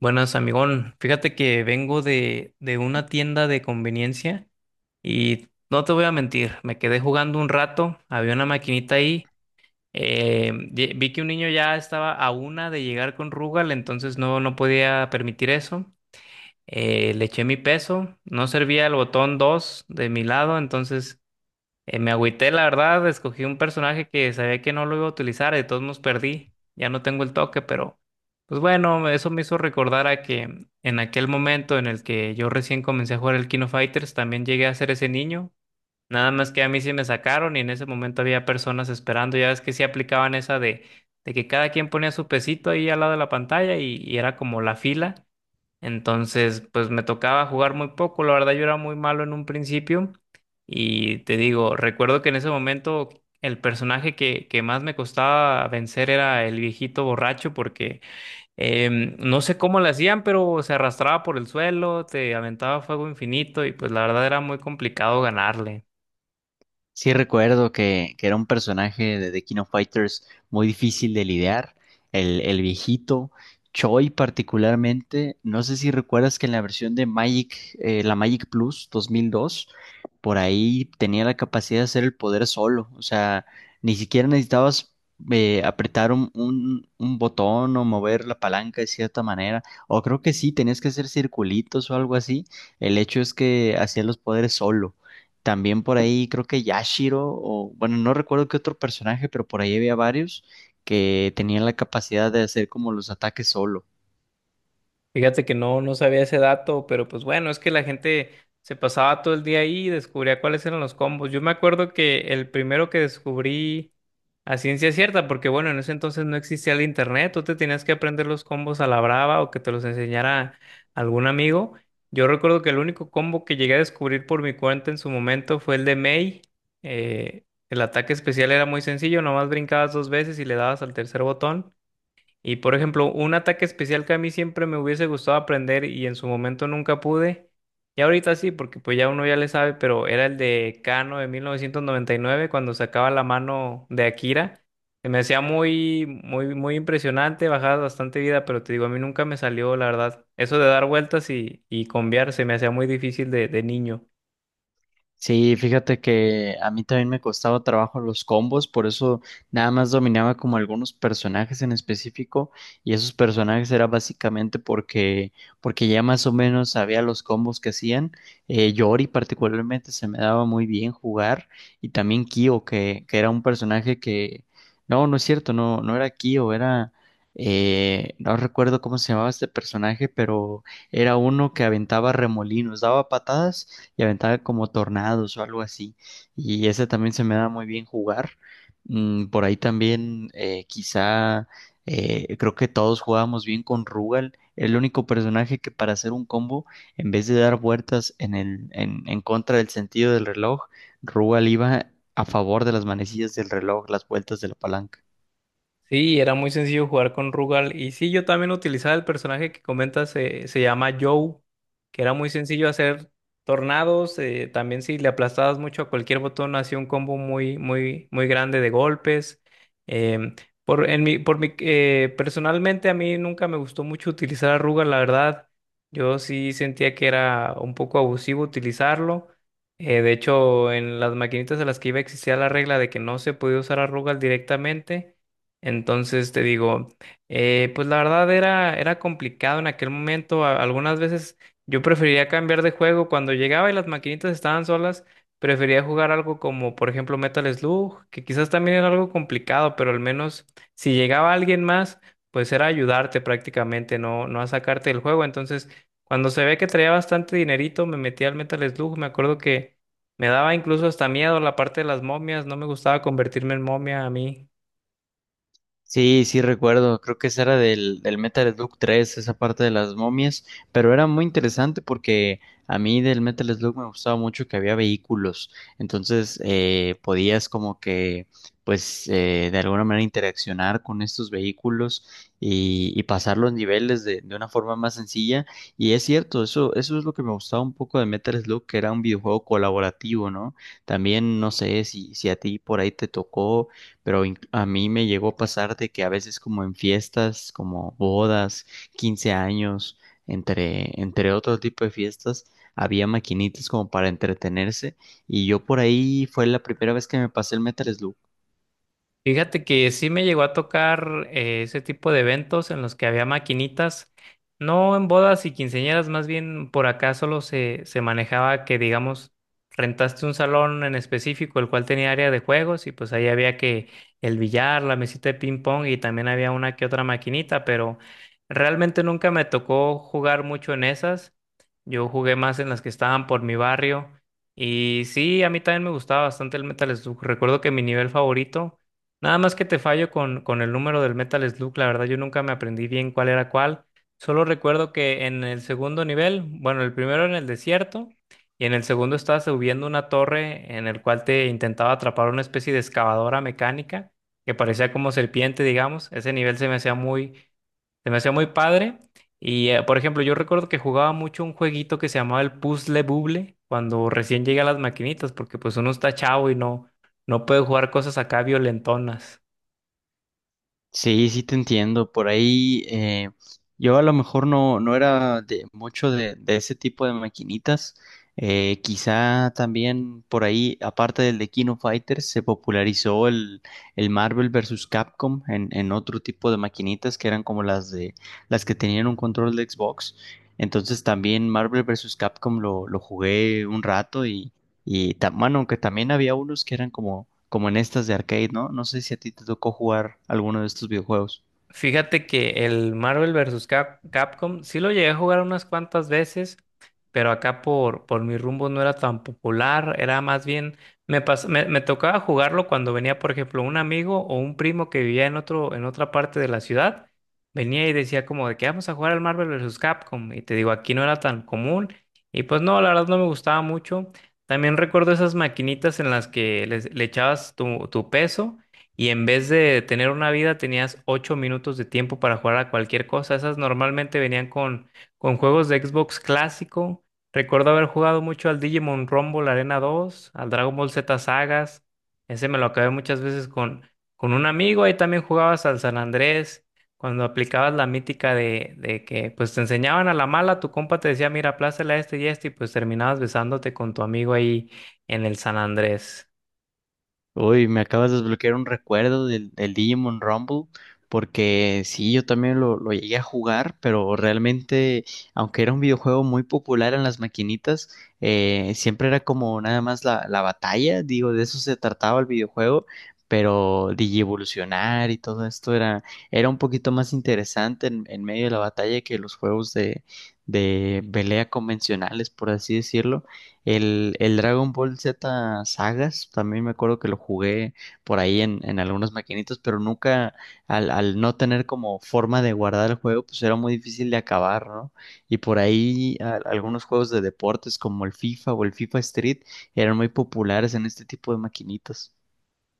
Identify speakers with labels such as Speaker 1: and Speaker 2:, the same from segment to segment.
Speaker 1: Buenas, amigón. Fíjate que vengo de una tienda de conveniencia y no te voy a mentir, me quedé jugando un rato, había una maquinita ahí, vi que un niño ya estaba a una de llegar con Rugal, entonces no, no podía permitir eso. Le eché mi peso, no servía el botón 2 de mi lado, entonces me agüité, la verdad, escogí un personaje que sabía que no lo iba a utilizar, de todos modos perdí, ya no tengo el toque, pero pues bueno, eso me hizo recordar a que en aquel momento en el que yo recién comencé a jugar el King of Fighters, también llegué a ser ese niño, nada más que a mí sí me sacaron y en ese momento había personas esperando, ya ves que sí aplicaban esa de que cada quien ponía su pesito ahí al lado de la pantalla y era como la fila. Entonces, pues me tocaba jugar muy poco, la verdad yo era muy malo en un principio y te digo, recuerdo que en ese momento el personaje que más me costaba vencer era el viejito borracho porque no sé cómo le hacían, pero se arrastraba por el suelo, te aventaba fuego infinito y pues la verdad era muy complicado ganarle.
Speaker 2: Sí, recuerdo que era un personaje de The King of Fighters muy difícil de lidiar, el viejito, Choi particularmente. No sé si recuerdas que en la versión de Magic, la Magic Plus 2002, por ahí tenía la capacidad de hacer el poder solo, o sea, ni siquiera necesitabas apretar un botón o mover la palanca de cierta manera, o creo que sí, tenías que hacer circulitos o algo así. El hecho es que hacía los poderes solo. También por ahí creo que Yashiro, o bueno, no recuerdo qué otro personaje, pero por ahí había varios que tenían la capacidad de hacer como los ataques solo.
Speaker 1: Fíjate que no, no sabía ese dato, pero pues bueno, es que la gente se pasaba todo el día ahí y descubría cuáles eran los combos. Yo me acuerdo que el primero que descubrí a ciencia cierta, porque bueno, en ese entonces no existía el internet, tú te tenías que aprender los combos a la brava o que te los enseñara algún amigo. Yo recuerdo que el único combo que llegué a descubrir por mi cuenta en su momento fue el de Mei. El ataque especial era muy sencillo, nomás brincabas dos veces y le dabas al tercer botón. Y por ejemplo, un ataque especial que a mí siempre me hubiese gustado aprender y en su momento nunca pude, y ahorita sí, porque pues ya uno ya le sabe, pero era el de Kano de 1999 cuando sacaba la mano de Akira. Se me hacía muy, muy, muy impresionante, bajaba bastante vida, pero te digo, a mí nunca me salió, la verdad. Eso de dar vueltas y combiar se me hacía muy difícil de niño.
Speaker 2: Sí, fíjate que a mí también me costaba trabajo los combos, por eso nada más dominaba como algunos personajes en específico, y esos personajes era básicamente porque ya más o menos sabía los combos que hacían. Yori particularmente se me daba muy bien jugar, y también Kyo que era un personaje que no, no es cierto, no era Kyo, era, no recuerdo cómo se llamaba este personaje, pero era uno que aventaba remolinos, daba patadas y aventaba como tornados o algo así. Y ese también se me da muy bien jugar. Por ahí también quizá, creo que todos jugábamos bien con Rugal. El único personaje que para hacer un combo, en vez de dar vueltas en en contra del sentido del reloj, Rugal iba a favor de las manecillas del reloj, las vueltas de la palanca.
Speaker 1: Sí, era muy sencillo jugar con Rugal. Y sí, yo también utilizaba el personaje que comentas, se llama Joe, que era muy sencillo hacer tornados. También si le aplastabas mucho a cualquier botón, hacía un combo muy, muy, muy grande de golpes. Em, por, en mi, por mi, Personalmente a mí nunca me gustó mucho utilizar a Rugal, la verdad. Yo sí sentía que era un poco abusivo utilizarlo. De hecho, en las maquinitas a las que iba existía la regla de que no se podía usar a Rugal directamente. Entonces te digo, pues la verdad era complicado en aquel momento. Algunas veces yo prefería cambiar de juego. Cuando llegaba y las maquinitas estaban solas, prefería jugar algo como, por ejemplo, Metal Slug, que quizás también era algo complicado, pero al menos si llegaba alguien más, pues era ayudarte prácticamente, no, no a sacarte del juego. Entonces, cuando se ve que traía bastante dinerito, me metía al Metal Slug. Me acuerdo que me daba incluso hasta miedo la parte de las momias. No me gustaba convertirme en momia a mí.
Speaker 2: Sí, sí recuerdo, creo que esa era del Metal Slug 3, esa parte de las momias, pero era muy interesante porque a mí del Metal Slug me gustaba mucho que había vehículos. Entonces, podías como que, pues, de alguna manera interaccionar con estos vehículos y pasar los niveles de una forma más sencilla. Y es cierto, eso es lo que me gustaba un poco de Metal Slug, que era un videojuego colaborativo, ¿no? También no sé si, si a ti por ahí te tocó, pero a mí me llegó a pasar de que a veces como en fiestas, como bodas, 15 años, entre, entre otro tipo de fiestas, había maquinitas como para entretenerse, y yo por ahí fue la primera vez que me pasé el Metal.
Speaker 1: Fíjate que sí me llegó a tocar ese tipo de eventos en los que había maquinitas, no en bodas y quinceañeras, más bien por acá solo se manejaba que, digamos, rentaste un salón en específico, el cual tenía área de juegos y pues ahí había que el billar, la mesita de ping pong y también había una que otra maquinita, pero realmente nunca me tocó jugar mucho en esas. Yo jugué más en las que estaban por mi barrio. Y sí, a mí también me gustaba bastante el Metal Slug. Recuerdo que mi nivel favorito nada más que te fallo con el número del Metal Slug, la verdad yo nunca me aprendí bien cuál era cuál. Solo recuerdo que en el segundo nivel, bueno, el primero en el desierto y en el segundo estabas subiendo una torre en el cual te intentaba atrapar una especie de excavadora mecánica que parecía como serpiente, digamos. Ese nivel se me hacía muy padre. Y, por ejemplo, yo recuerdo que jugaba mucho un jueguito que se llamaba el Puzzle Bubble cuando recién llegué a las maquinitas, porque pues uno está chavo y no puede jugar cosas acá violentonas.
Speaker 2: Sí, sí te entiendo. Por ahí yo a lo mejor no, no era de mucho de ese tipo de maquinitas. Quizá también por ahí, aparte del de Kino Fighters, se popularizó el Marvel versus Capcom en otro tipo de maquinitas que eran como las de las que tenían un control de Xbox. Entonces también Marvel versus Capcom lo jugué un rato y, bueno, aunque también había unos que eran como, como en estas de arcade, ¿no? No sé si a ti te tocó jugar alguno de estos videojuegos.
Speaker 1: Fíjate que el Marvel versus Capcom sí lo llegué a jugar unas cuantas veces, pero acá por mi rumbo no era tan popular, era más bien, me tocaba jugarlo cuando venía, por ejemplo, un amigo o un primo que vivía en en otra parte de la ciudad, venía y decía como de que vamos a jugar al Marvel versus Capcom, y te digo, aquí no era tan común, y pues no, la verdad no me gustaba mucho. También recuerdo esas maquinitas en las que le echabas tu peso y en vez de tener una vida tenías 8 minutos de tiempo para jugar a cualquier cosa. Esas normalmente venían con juegos de Xbox clásico. Recuerdo haber jugado mucho al Digimon Rumble Arena 2 al Dragon Ball Z Sagas. Ese me lo acabé muchas veces con un amigo. Ahí también jugabas al San Andrés. Cuando aplicabas la mítica de que pues te enseñaban a la mala, tu compa te decía, mira, aplástale a este, y pues terminabas besándote con tu amigo ahí en el San Andrés.
Speaker 2: Uy, me acabas de desbloquear un recuerdo del Digimon Rumble, porque sí, yo también lo llegué a jugar, pero realmente, aunque era un videojuego muy popular en las maquinitas, siempre era como nada más la batalla, digo, de eso se trataba el videojuego, pero Digievolucionar y todo esto era, era un poquito más interesante en medio de la batalla que los juegos de pelea convencionales, por así decirlo. El Dragon Ball Z Sagas, también me acuerdo que lo jugué por ahí en algunas maquinitas, pero nunca, al, al no tener como forma de guardar el juego, pues era muy difícil de acabar, ¿no? Y por ahí algunos juegos de deportes como el FIFA o el FIFA Street eran muy populares en este tipo de maquinitas.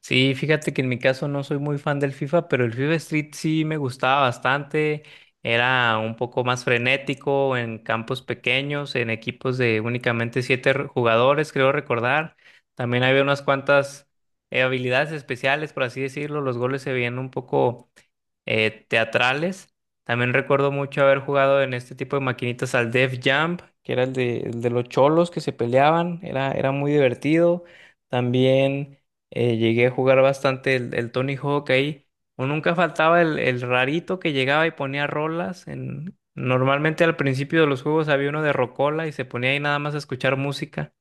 Speaker 1: Sí, fíjate que en mi caso no soy muy fan del FIFA, pero el FIFA Street sí me gustaba bastante. Era un poco más frenético en campos pequeños, en equipos de únicamente siete jugadores, creo recordar. También había unas cuantas habilidades especiales, por así decirlo. Los goles se veían un poco teatrales. También recuerdo mucho haber jugado en este tipo de maquinitas al Def Jump, que era el de los cholos que se peleaban, era muy divertido. También llegué a jugar bastante el Tony Hawk ahí. O nunca faltaba el rarito que llegaba y ponía rolas. Normalmente al principio de los juegos había uno de rocola y se ponía ahí nada más a escuchar música.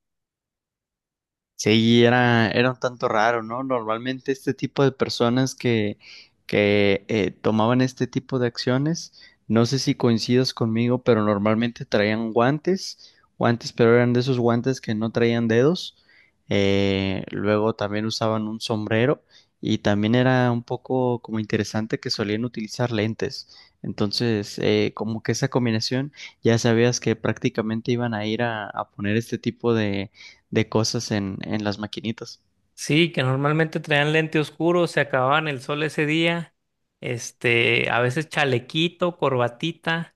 Speaker 2: Sí, era, era un tanto raro, ¿no? Normalmente este tipo de personas que tomaban este tipo de acciones, no sé si coincidas conmigo, pero normalmente traían guantes, guantes, pero eran de esos guantes que no traían dedos. Luego también usaban un sombrero, y también era un poco como interesante que solían utilizar lentes. Entonces, como que esa combinación, ya sabías que prácticamente iban a ir a poner este tipo de cosas en las maquinitas.
Speaker 1: Sí, que normalmente traían lente oscuro, se acababan el sol ese día, este, a veces chalequito, corbatita.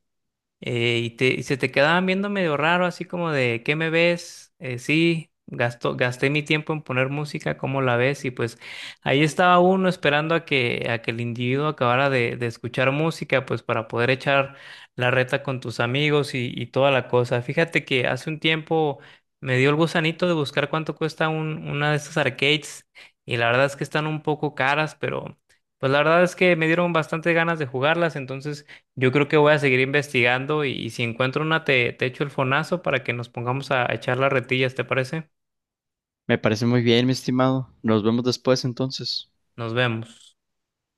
Speaker 1: Y se te quedaban viendo medio raro, así como de, ¿qué me ves? Sí, gasté mi tiempo en poner música, ¿cómo la ves? Y pues ahí estaba uno esperando a que el individuo acabara de escuchar música, pues para poder echar la reta con tus amigos y toda la cosa. Fíjate que hace un tiempo me dio el gusanito de buscar cuánto cuesta una de estas arcades y la verdad es que están un poco caras, pero pues la verdad es que me dieron bastante ganas de jugarlas, entonces... Yo creo que voy a seguir investigando y si encuentro una te echo el fonazo para que nos pongamos a echar las retillas, ¿te parece?
Speaker 2: Me parece muy bien, mi estimado. Nos vemos después, entonces.
Speaker 1: Nos vemos.